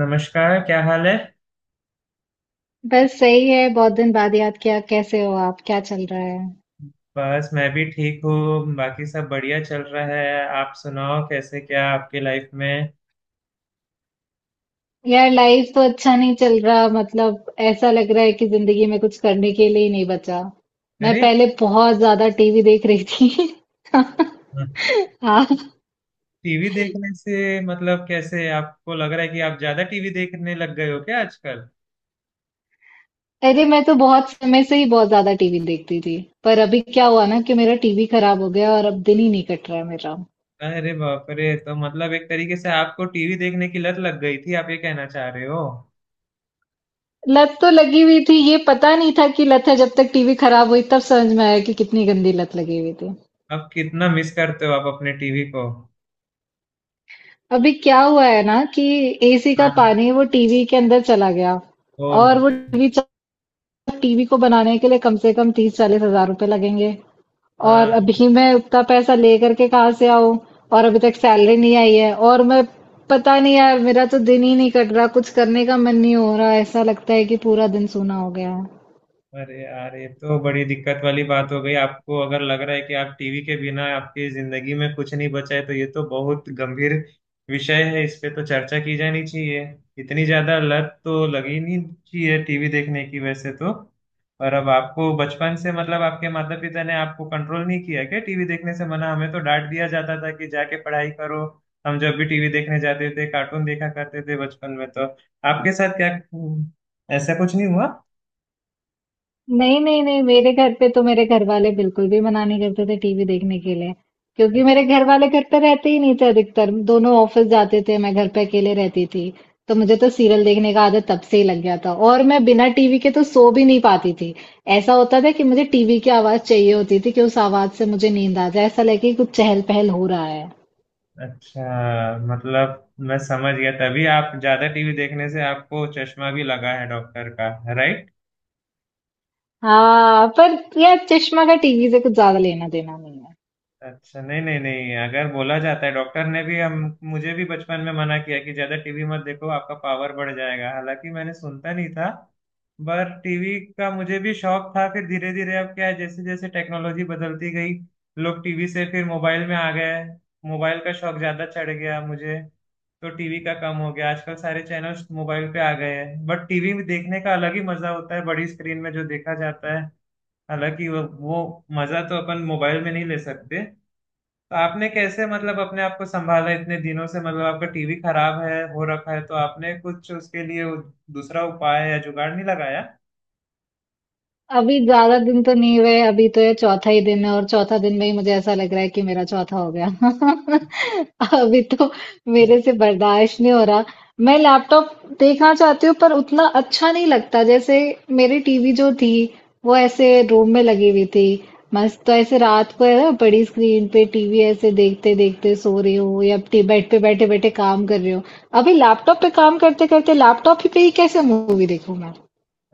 नमस्कार। क्या हाल है? बस सही है। बहुत दिन बाद याद किया, कैसे हो आप? क्या चल रहा है? बस मैं भी ठीक हूँ। बाकी सब बढ़िया चल रहा है। आप सुनाओ, कैसे क्या आपके लाइफ में। यार, लाइफ तो अच्छा नहीं चल रहा। मतलब ऐसा लग रहा है कि जिंदगी में कुछ करने के लिए ही नहीं बचा। मैं अरे। पहले बहुत ज्यादा टीवी देख रही थी। हाँ। टीवी देखने से मतलब? कैसे आपको लग रहा है कि आप ज्यादा टीवी देखने लग गए हो क्या आजकल? अरे, मैं तो बहुत समय से ही बहुत ज्यादा टीवी देखती थी। पर अभी क्या हुआ ना कि मेरा टीवी खराब हो गया और अब दिन ही नहीं कट रहा है मेरा। अरे बाप रे! तो मतलब एक तरीके से आपको टीवी देखने की लत लग गई थी, आप ये कहना चाह रहे हो? लत तो लगी हुई थी, ये पता नहीं था कि लत है। जब तक टीवी खराब हुई तब समझ में आया कि कितनी गंदी लत लगी हुई थी। अब कितना मिस करते हो आप अपने टीवी को? अभी क्या हुआ है ना कि एसी का हाँ। पानी वो टीवी के अंदर चला गया। फोन और में। वो टीवी, टीवी को बनाने के लिए कम से कम 30-40 हज़ार रुपए लगेंगे। और हाँ। अभी मैं उतना पैसा लेकर के कहाँ से आऊं? और अभी तक सैलरी नहीं आई है। और मैं, पता नहीं यार, मेरा तो दिन ही नहीं कट रहा। कुछ करने का मन नहीं हो रहा। ऐसा लगता है कि पूरा दिन सूना हो गया है। अरे यार, ये तो बड़ी दिक्कत वाली बात हो गई। आपको अगर लग रहा है कि आप टीवी के बिना आपकी जिंदगी में कुछ नहीं बचा है तो ये तो बहुत गंभीर विषय है, इस पे तो चर्चा की जानी चाहिए। इतनी ज्यादा लत तो लगी नहीं चाहिए टीवी देखने की वैसे तो। पर अब आपको बचपन से मतलब आपके माता पिता ने आपको कंट्रोल नहीं किया क्या टीवी देखने से मना? हमें तो डांट दिया जाता था कि जाके पढ़ाई करो। हम जब भी टीवी देखने जाते थे कार्टून देखा करते थे बचपन में तो। आपके साथ क्या ऐसा कुछ नहीं हुआ? नहीं नहीं नहीं, मेरे घर पे तो मेरे घर वाले बिल्कुल भी मना नहीं करते थे टीवी देखने के लिए। क्योंकि मेरे घर वाले घर पे रहते ही नहीं थे, अधिकतर दोनों ऑफिस जाते थे। मैं घर पे अकेले रहती थी। तो मुझे तो सीरियल देखने का आदत तब से ही लग गया था। और मैं बिना टीवी के तो सो भी नहीं पाती थी। ऐसा होता था कि मुझे टीवी की आवाज चाहिए होती थी कि उस आवाज से मुझे नींद आ जाए, ऐसा लगे कि कुछ चहल पहल हो रहा है। अच्छा मतलब मैं समझ गया। तभी आप ज्यादा टीवी देखने से आपको चश्मा भी लगा है डॉक्टर का। राइट? हाँ, पर यार, चश्मा का टीवी से कुछ ज्यादा लेना देना नहीं है। अच्छा, नहीं नहीं नहीं, अगर बोला जाता है डॉक्टर ने भी, हम मुझे भी बचपन में मना किया कि ज्यादा टीवी मत देखो आपका पावर बढ़ जाएगा, हालांकि मैंने सुनता नहीं था। पर टीवी का मुझे भी शौक था। फिर धीरे धीरे अब क्या है जैसे जैसे टेक्नोलॉजी बदलती गई लोग टीवी से फिर मोबाइल में आ गए। मोबाइल का शौक ज्यादा चढ़ गया मुझे, तो टीवी का कम हो गया। आजकल सारे चैनल्स मोबाइल पे आ गए हैं बट टीवी में देखने का अलग ही मजा होता है, बड़ी स्क्रीन में जो देखा जाता है। हालांकि वो मजा तो अपन मोबाइल में नहीं ले सकते। तो आपने कैसे मतलब अपने आप को संभाला इतने दिनों से? मतलब आपका टीवी खराब है हो रखा है, तो आपने कुछ उसके लिए दूसरा उपाय या जुगाड़ नहीं लगाया? अभी ज्यादा दिन तो नहीं हुए, अभी तो ये चौथा ही दिन है। और चौथा दिन में ही मुझे ऐसा लग रहा है कि मेरा चौथा हो गया। अभी तो मेरे से बर्दाश्त नहीं हो रहा। मैं लैपटॉप देखना चाहती हूँ पर उतना अच्छा नहीं लगता। जैसे मेरी टीवी जो थी वो ऐसे रूम में लगी हुई थी, मस्त। तो ऐसे रात को है ना, बड़ी स्क्रीन पे टीवी ऐसे देखते देखते सो रही हूँ या बेड पे बैठे बैठे काम कर रही हूँ। अभी लैपटॉप पे काम करते करते लैपटॉप ही पे ही कैसे मूवी देखूं मैं?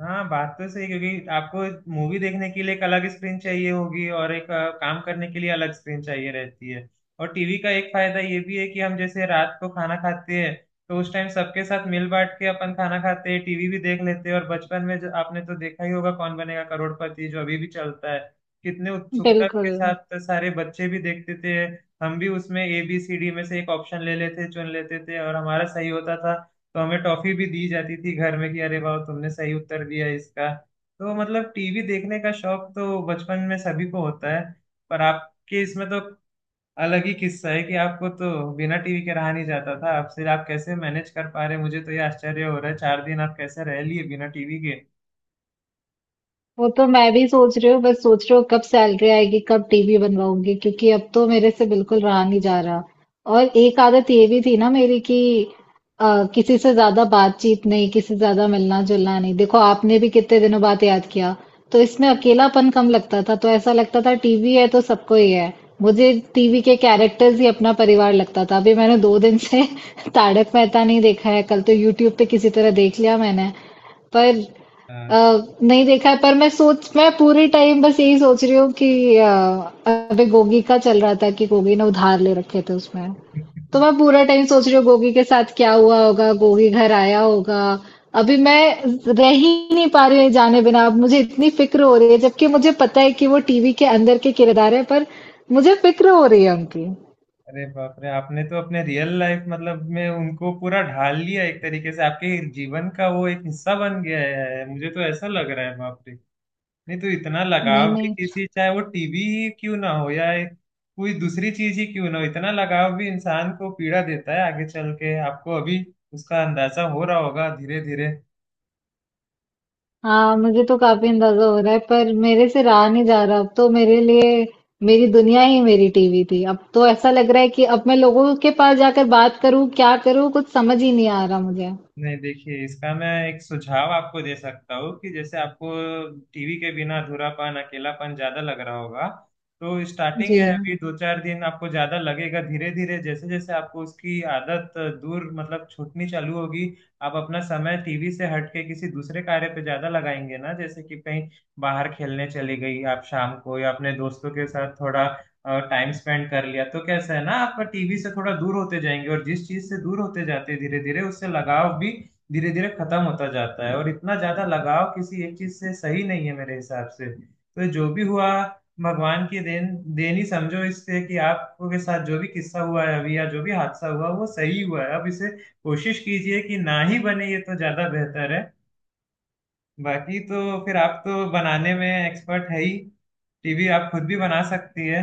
हाँ, बात तो सही है, क्योंकि आपको मूवी देखने के लिए एक अलग स्क्रीन चाहिए होगी और एक काम करने के लिए अलग स्क्रीन चाहिए रहती है। और टीवी का एक फायदा ये भी है कि हम जैसे रात को खाना खाते हैं तो उस टाइम सबके साथ मिल बांट के अपन खाना खाते हैं, टीवी भी देख लेते हैं। और बचपन में जो आपने तो देखा ही होगा, कौन बनेगा करोड़पति जो अभी भी चलता है, कितने उत्सुकता के बिल्कुल। साथ सारे बच्चे भी देखते थे। हम भी उसमें ए बी सी डी में से एक ऑप्शन ले लेते, चुन लेते थे और हमारा सही होता था। तो हमें टॉफी भी दी जाती थी घर में कि अरे वाह, तुमने सही उत्तर दिया इसका। तो मतलब टीवी देखने का शौक तो बचपन में सभी को होता है। पर आपके इसमें तो अलग ही किस्सा है कि आपको तो बिना टीवी के रहा नहीं जाता था आपसे। आप कैसे मैनेज कर पा रहे? मुझे तो ये आश्चर्य हो रहा है, 4 दिन आप कैसे रह लिए बिना टीवी के? वो तो मैं भी सोच रही हूँ। बस सोच रही हूँ कब सैलरी आएगी, कब टीवी बनवाऊंगी, क्योंकि अब तो मेरे से बिल्कुल रहा नहीं जा रहा। और एक आदत ये भी थी ना मेरी कि किसी से ज्यादा बातचीत नहीं, किसी से ज्यादा मिलना जुलना नहीं। देखो, आपने भी कितने दिनों बाद याद किया। तो इसमें अकेलापन कम लगता था। तो ऐसा लगता था टीवी है तो सबको ही है। मुझे टीवी के कैरेक्टर्स ही अपना परिवार लगता था। अभी मैंने 2 दिन से तारक मेहता नहीं देखा है। कल तो यूट्यूब पे किसी तरह देख लिया मैंने। पर अ, अच्छा। नहीं देखा है। पर मैं सोच मैं पूरे टाइम बस यही सोच रही हूँ कि अबे गोगी का चल रहा था कि गोगी ने उधार ले रखे थे उसमें। तो मैं पूरा टाइम सोच रही हूँ गोगी के साथ क्या हुआ होगा, गोगी घर आया होगा। अभी मैं रह ही नहीं पा रही हूँ जाने बिना। अब मुझे इतनी फिक्र हो रही है, जबकि मुझे पता है कि वो टीवी के अंदर के किरदार है। पर मुझे फिक्र हो रही है उनकी। अरे बाप रे! आपने तो अपने रियल लाइफ मतलब में उनको पूरा ढाल लिया एक तरीके से, आपके जीवन का वो एक हिस्सा बन गया है, मुझे तो ऐसा लग रहा है बाप रे। नहीं तो इतना नहीं लगाव भी नहीं। किसी, चाहे वो टीबी ही क्यों ना हो या कोई दूसरी चीज ही क्यों ना हो, इतना लगाव भी इंसान को पीड़ा देता है आगे चल के। आपको अभी उसका अंदाजा हो रहा होगा धीरे धीरे। हाँ, मुझे तो काफी अंदाजा हो रहा है पर मेरे से रहा नहीं जा रहा। अब तो मेरे लिए मेरी दुनिया ही मेरी टीवी थी। अब तो ऐसा लग रहा है कि अब मैं लोगों के पास जाकर बात करूं, क्या करूं, कुछ समझ ही नहीं आ रहा मुझे। नहीं देखिए, इसका मैं एक सुझाव आपको दे सकता हूँ कि जैसे आपको टीवी के बिना अधूरापन, अकेलापन ज्यादा लग रहा होगा तो स्टार्टिंग जी। है अभी, दो चार दिन आपको ज्यादा लगेगा। धीरे धीरे जैसे जैसे आपको उसकी आदत दूर मतलब छूटनी चालू होगी, आप अपना समय टीवी से हट के किसी दूसरे कार्य पे ज्यादा लगाएंगे ना, जैसे कि कहीं बाहर खेलने चली गई आप शाम को, या अपने दोस्तों के साथ थोड़ा टाइम स्पेंड कर लिया तो कैसा है ना, आप टीवी से थोड़ा दूर होते जाएंगे और जिस चीज से दूर होते जाते हैं धीरे धीरे उससे लगाव भी धीरे धीरे खत्म होता जाता है। और इतना ज्यादा लगाव किसी एक चीज से सही नहीं है मेरे हिसाब से। तो जो भी हुआ भगवान की देन, देन ही समझो इससे, कि आपके साथ जो भी किस्सा हुआ है अभी या जो भी हादसा हुआ वो सही हुआ है। अब इसे कोशिश कीजिए कि ना ही बने, ये तो ज्यादा बेहतर है। बाकी तो फिर आप तो बनाने में एक्सपर्ट है ही, टीवी आप खुद भी बना सकती है।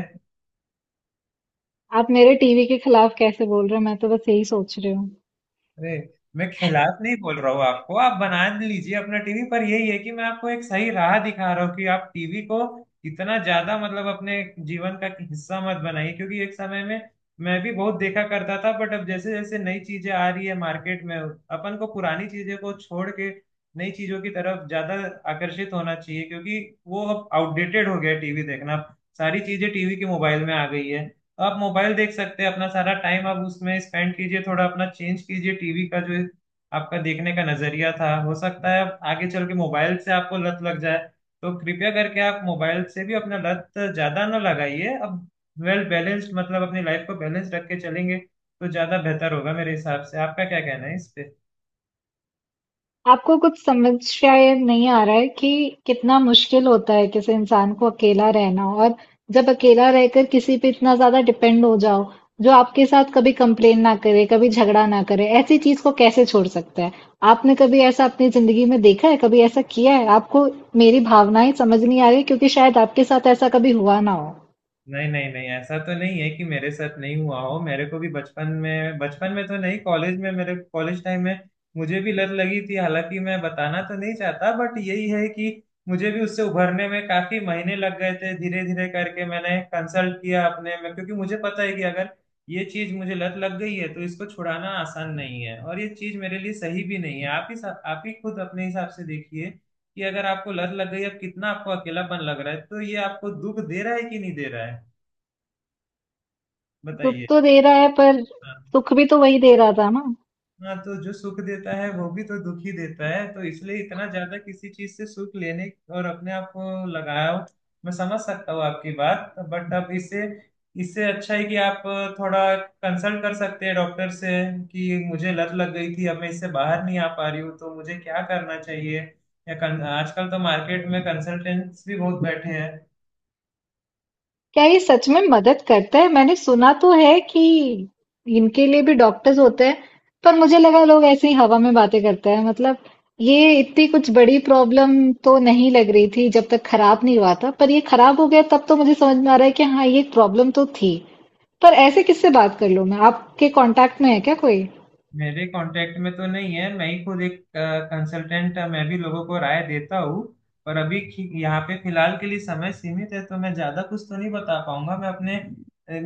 आप मेरे टीवी के खिलाफ कैसे बोल रहे हो? मैं तो बस यही सोच रही हूँ। अरे, मैं खिलाफ नहीं बोल रहा हूँ आपको। आप बना लीजिए अपना टीवी, पर यही है कि मैं आपको एक सही राह दिखा रहा हूँ कि आप टीवी को इतना ज्यादा मतलब अपने जीवन का हिस्सा मत बनाइए, क्योंकि एक समय में मैं भी बहुत देखा करता था, बट अब जैसे जैसे नई चीजें आ रही है मार्केट में अपन को पुरानी चीजें को छोड़ के नई चीजों की तरफ ज्यादा आकर्षित होना चाहिए, क्योंकि वो अब आउटडेटेड हो गया टीवी देखना। सारी चीजें टीवी के मोबाइल में आ गई है, आप मोबाइल देख सकते हैं। अपना सारा टाइम आप उसमें स्पेंड कीजिए, थोड़ा अपना चेंज कीजिए टीवी का जो आपका देखने का नजरिया था। हो सकता है आप आगे चल के मोबाइल से आपको लत लग जाए, तो कृपया करके आप मोबाइल से भी अपना लत ज्यादा ना लगाइए। अब वेल बैलेंस्ड मतलब अपनी लाइफ को बैलेंस रख के चलेंगे तो ज्यादा बेहतर होगा मेरे हिसाब से। आपका क्या कहना है इस पे? आपको कुछ समझ शायद नहीं आ रहा है कि कितना मुश्किल होता है किसी इंसान को अकेला रहना। और जब अकेला रहकर किसी पे इतना ज्यादा डिपेंड हो जाओ जो आपके साथ कभी कंप्लेन ना करे, कभी झगड़ा ना करे, ऐसी चीज को कैसे छोड़ सकता है? आपने कभी ऐसा अपनी जिंदगी में देखा है, कभी ऐसा किया है आपको? मेरी भावनाएं समझ नहीं आ रही क्योंकि शायद आपके साथ ऐसा कभी हुआ ना हो। नहीं नहीं नहीं, ऐसा तो नहीं है कि मेरे साथ नहीं हुआ हो। मेरे को भी बचपन में, बचपन में तो नहीं, कॉलेज में, मेरे कॉलेज टाइम में मुझे भी लत लगी थी, हालांकि मैं बताना तो नहीं चाहता, बट यही है कि मुझे भी उससे उभरने में काफी महीने लग गए थे। धीरे धीरे करके मैंने कंसल्ट किया अपने में, क्योंकि मुझे पता है कि अगर ये चीज मुझे लत लग गई है तो इसको छुड़ाना आसान नहीं है और ये चीज मेरे लिए सही भी नहीं है। आप ही खुद अपने हिसाब से देखिए कि अगर आपको लत लग गई है, कितना आपको अकेलापन लग रहा है, तो ये आपको दुख दे रहा है कि नहीं दे रहा है, दुख बताइए। तो दे रहा है, पर हाँ। सुख भी तो वही दे रहा था ना। हाँ, तो जो सुख देता है वो भी तो दुख ही देता है, तो इसलिए इतना ज्यादा किसी चीज से सुख लेने और अपने आप को लगाया हो। मैं समझ सकता हूँ आपकी बात, बट अब इससे इससे अच्छा है कि आप थोड़ा कंसल्ट कर सकते हैं डॉक्टर से कि मुझे लत लग गई थी, अब मैं इससे बाहर नहीं आ पा रही हूँ, तो मुझे क्या करना चाहिए। या आजकल तो मार्केट में कंसल्टेंट्स भी बहुत बैठे हैं। क्या ये सच में मदद करता है? मैंने सुना तो है कि इनके लिए भी डॉक्टर्स होते हैं। पर मुझे लगा लोग ऐसे ही हवा में बातें करते हैं। मतलब ये इतनी कुछ बड़ी प्रॉब्लम तो नहीं लग रही थी जब तक खराब नहीं हुआ था। पर ये खराब हो गया तब तो मुझे समझ में आ रहा है कि हाँ, ये एक प्रॉब्लम तो थी। पर ऐसे किससे बात कर लूं मैं? आपके कांटेक्ट में है क्या कोई? मेरे कांटेक्ट में तो नहीं है, मैं ही खुद एक कंसल्टेंट, मैं भी लोगों को राय देता हूँ। पर अभी यहाँ पे फिलहाल के लिए समय सीमित है, तो मैं ज्यादा कुछ तो नहीं बता पाऊंगा।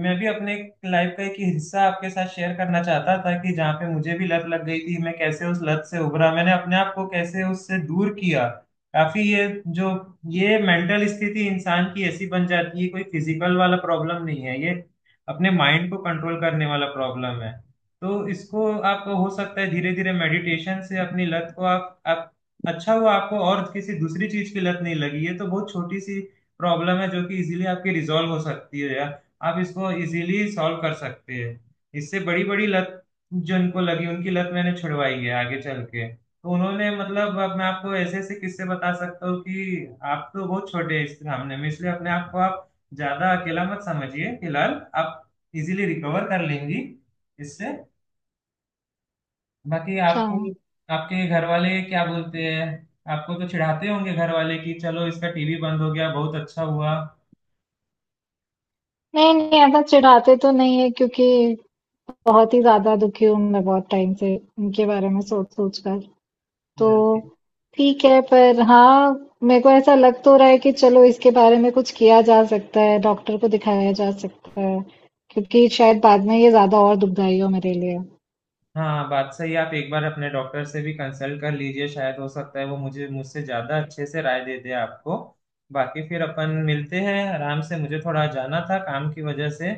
मैं भी अपने लाइफ का एक हिस्सा आपके साथ शेयर करना चाहता था, कि जहाँ पे मुझे भी लत लग गई थी, मैं कैसे उस लत से उभरा, मैंने अपने आप को कैसे उससे दूर किया। काफी जो ये मेंटल स्थिति इंसान की ऐसी बन जाती है, कोई फिजिकल वाला प्रॉब्लम नहीं है ये, अपने माइंड को कंट्रोल करने वाला प्रॉब्लम है। तो इसको आप हो सकता है धीरे धीरे मेडिटेशन से अपनी लत को आप। अच्छा हुआ आपको और किसी दूसरी चीज की लत नहीं लगी, ये तो बहुत छोटी सी प्रॉब्लम है, जो कि इजीली आपकी रिजॉल्व हो सकती है, या आप इसको इजीली सॉल्व कर सकते हैं। इससे बड़ी बड़ी लत जो इनको लगी, उनकी लत मैंने छुड़वाई है आगे चल के, तो उन्होंने मतलब, अब मैं आपको ऐसे ऐसे किस्से बता सकता हूँ कि आप तो बहुत छोटे हैं इस सामने में। इसलिए अपने आप को आप ज्यादा अकेला मत समझिए, फिलहाल आप इजीली रिकवर कर लेंगी इससे। बाकी अच्छा। आपको आपके घर वाले क्या बोलते हैं? आपको तो चिढ़ाते होंगे घर वाले कि चलो इसका टीवी बंद हो गया, बहुत अच्छा हुआ। नहीं नहीं, ऐसा चिढ़ाते तो नहीं है क्योंकि बहुत ही ज्यादा दुखी हूं मैं बहुत टाइम से इनके बारे में सोच सोच कर। तो हम्म। ठीक है। पर हाँ, मेरे को ऐसा लग तो रहा है कि चलो इसके बारे में कुछ किया जा सकता है, डॉक्टर को दिखाया जा सकता है, क्योंकि शायद बाद में ये ज्यादा और दुखदाई हो मेरे लिए। हाँ बात सही, आप एक बार अपने डॉक्टर से भी कंसल्ट कर लीजिए, शायद हो सकता है वो मुझे मुझसे ज्यादा अच्छे से राय दे दे आपको। बाकी फिर अपन मिलते हैं आराम से, मुझे थोड़ा जाना था काम की वजह से।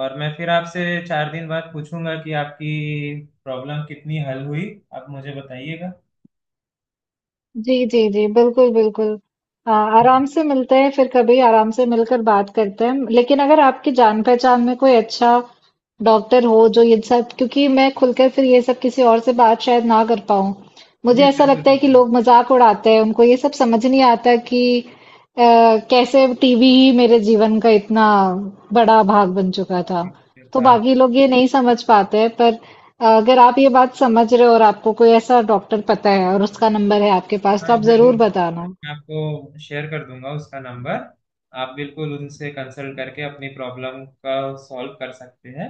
और मैं फिर आपसे 4 दिन बाद पूछूंगा कि आपकी प्रॉब्लम कितनी हल हुई, आप मुझे बताइएगा। जी, जी, जी, बिल्कुल, बिल्कुल। आराम से मिलते हैं, फिर कभी आराम से मिलकर बात करते हैं। लेकिन अगर आपकी जान-पहचान में कोई अच्छा डॉक्टर हो जो ये सब, क्योंकि मैं खुलकर फिर ये सब किसी और से बात शायद ना कर पाऊँ। मुझे जी ऐसा जरूर लगता है कि जरूर। लोग मज़ाक उड़ाते हैं, उनको ये सब समझ नहीं आता कि अ, कैसे टीवी ही मेरे जीवन का इतना बड़ा भाग बन चुका था। तो था। बाकी लोग ये नहीं समझ पाते हैं। पर अगर आप ये बात समझ रहे हो और आपको कोई ऐसा डॉक्टर पता है और उसका नंबर है आपके पास हाँ तो आप जरूर, जरूर बताना। मैं आपको शेयर कर दूंगा उसका नंबर। आप बिल्कुल उनसे कंसल्ट करके अपनी प्रॉब्लम का सॉल्व कर सकते हैं,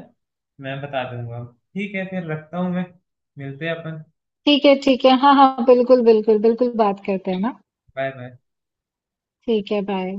मैं बता दूंगा। ठीक है फिर, रखता हूँ मैं। मिलते हैं अपन। ठीक है, ठीक है। हाँ हाँ, बिल्कुल बिल्कुल बिल्कुल, बात करते हैं ना। Bye bye. ठीक है, बाय।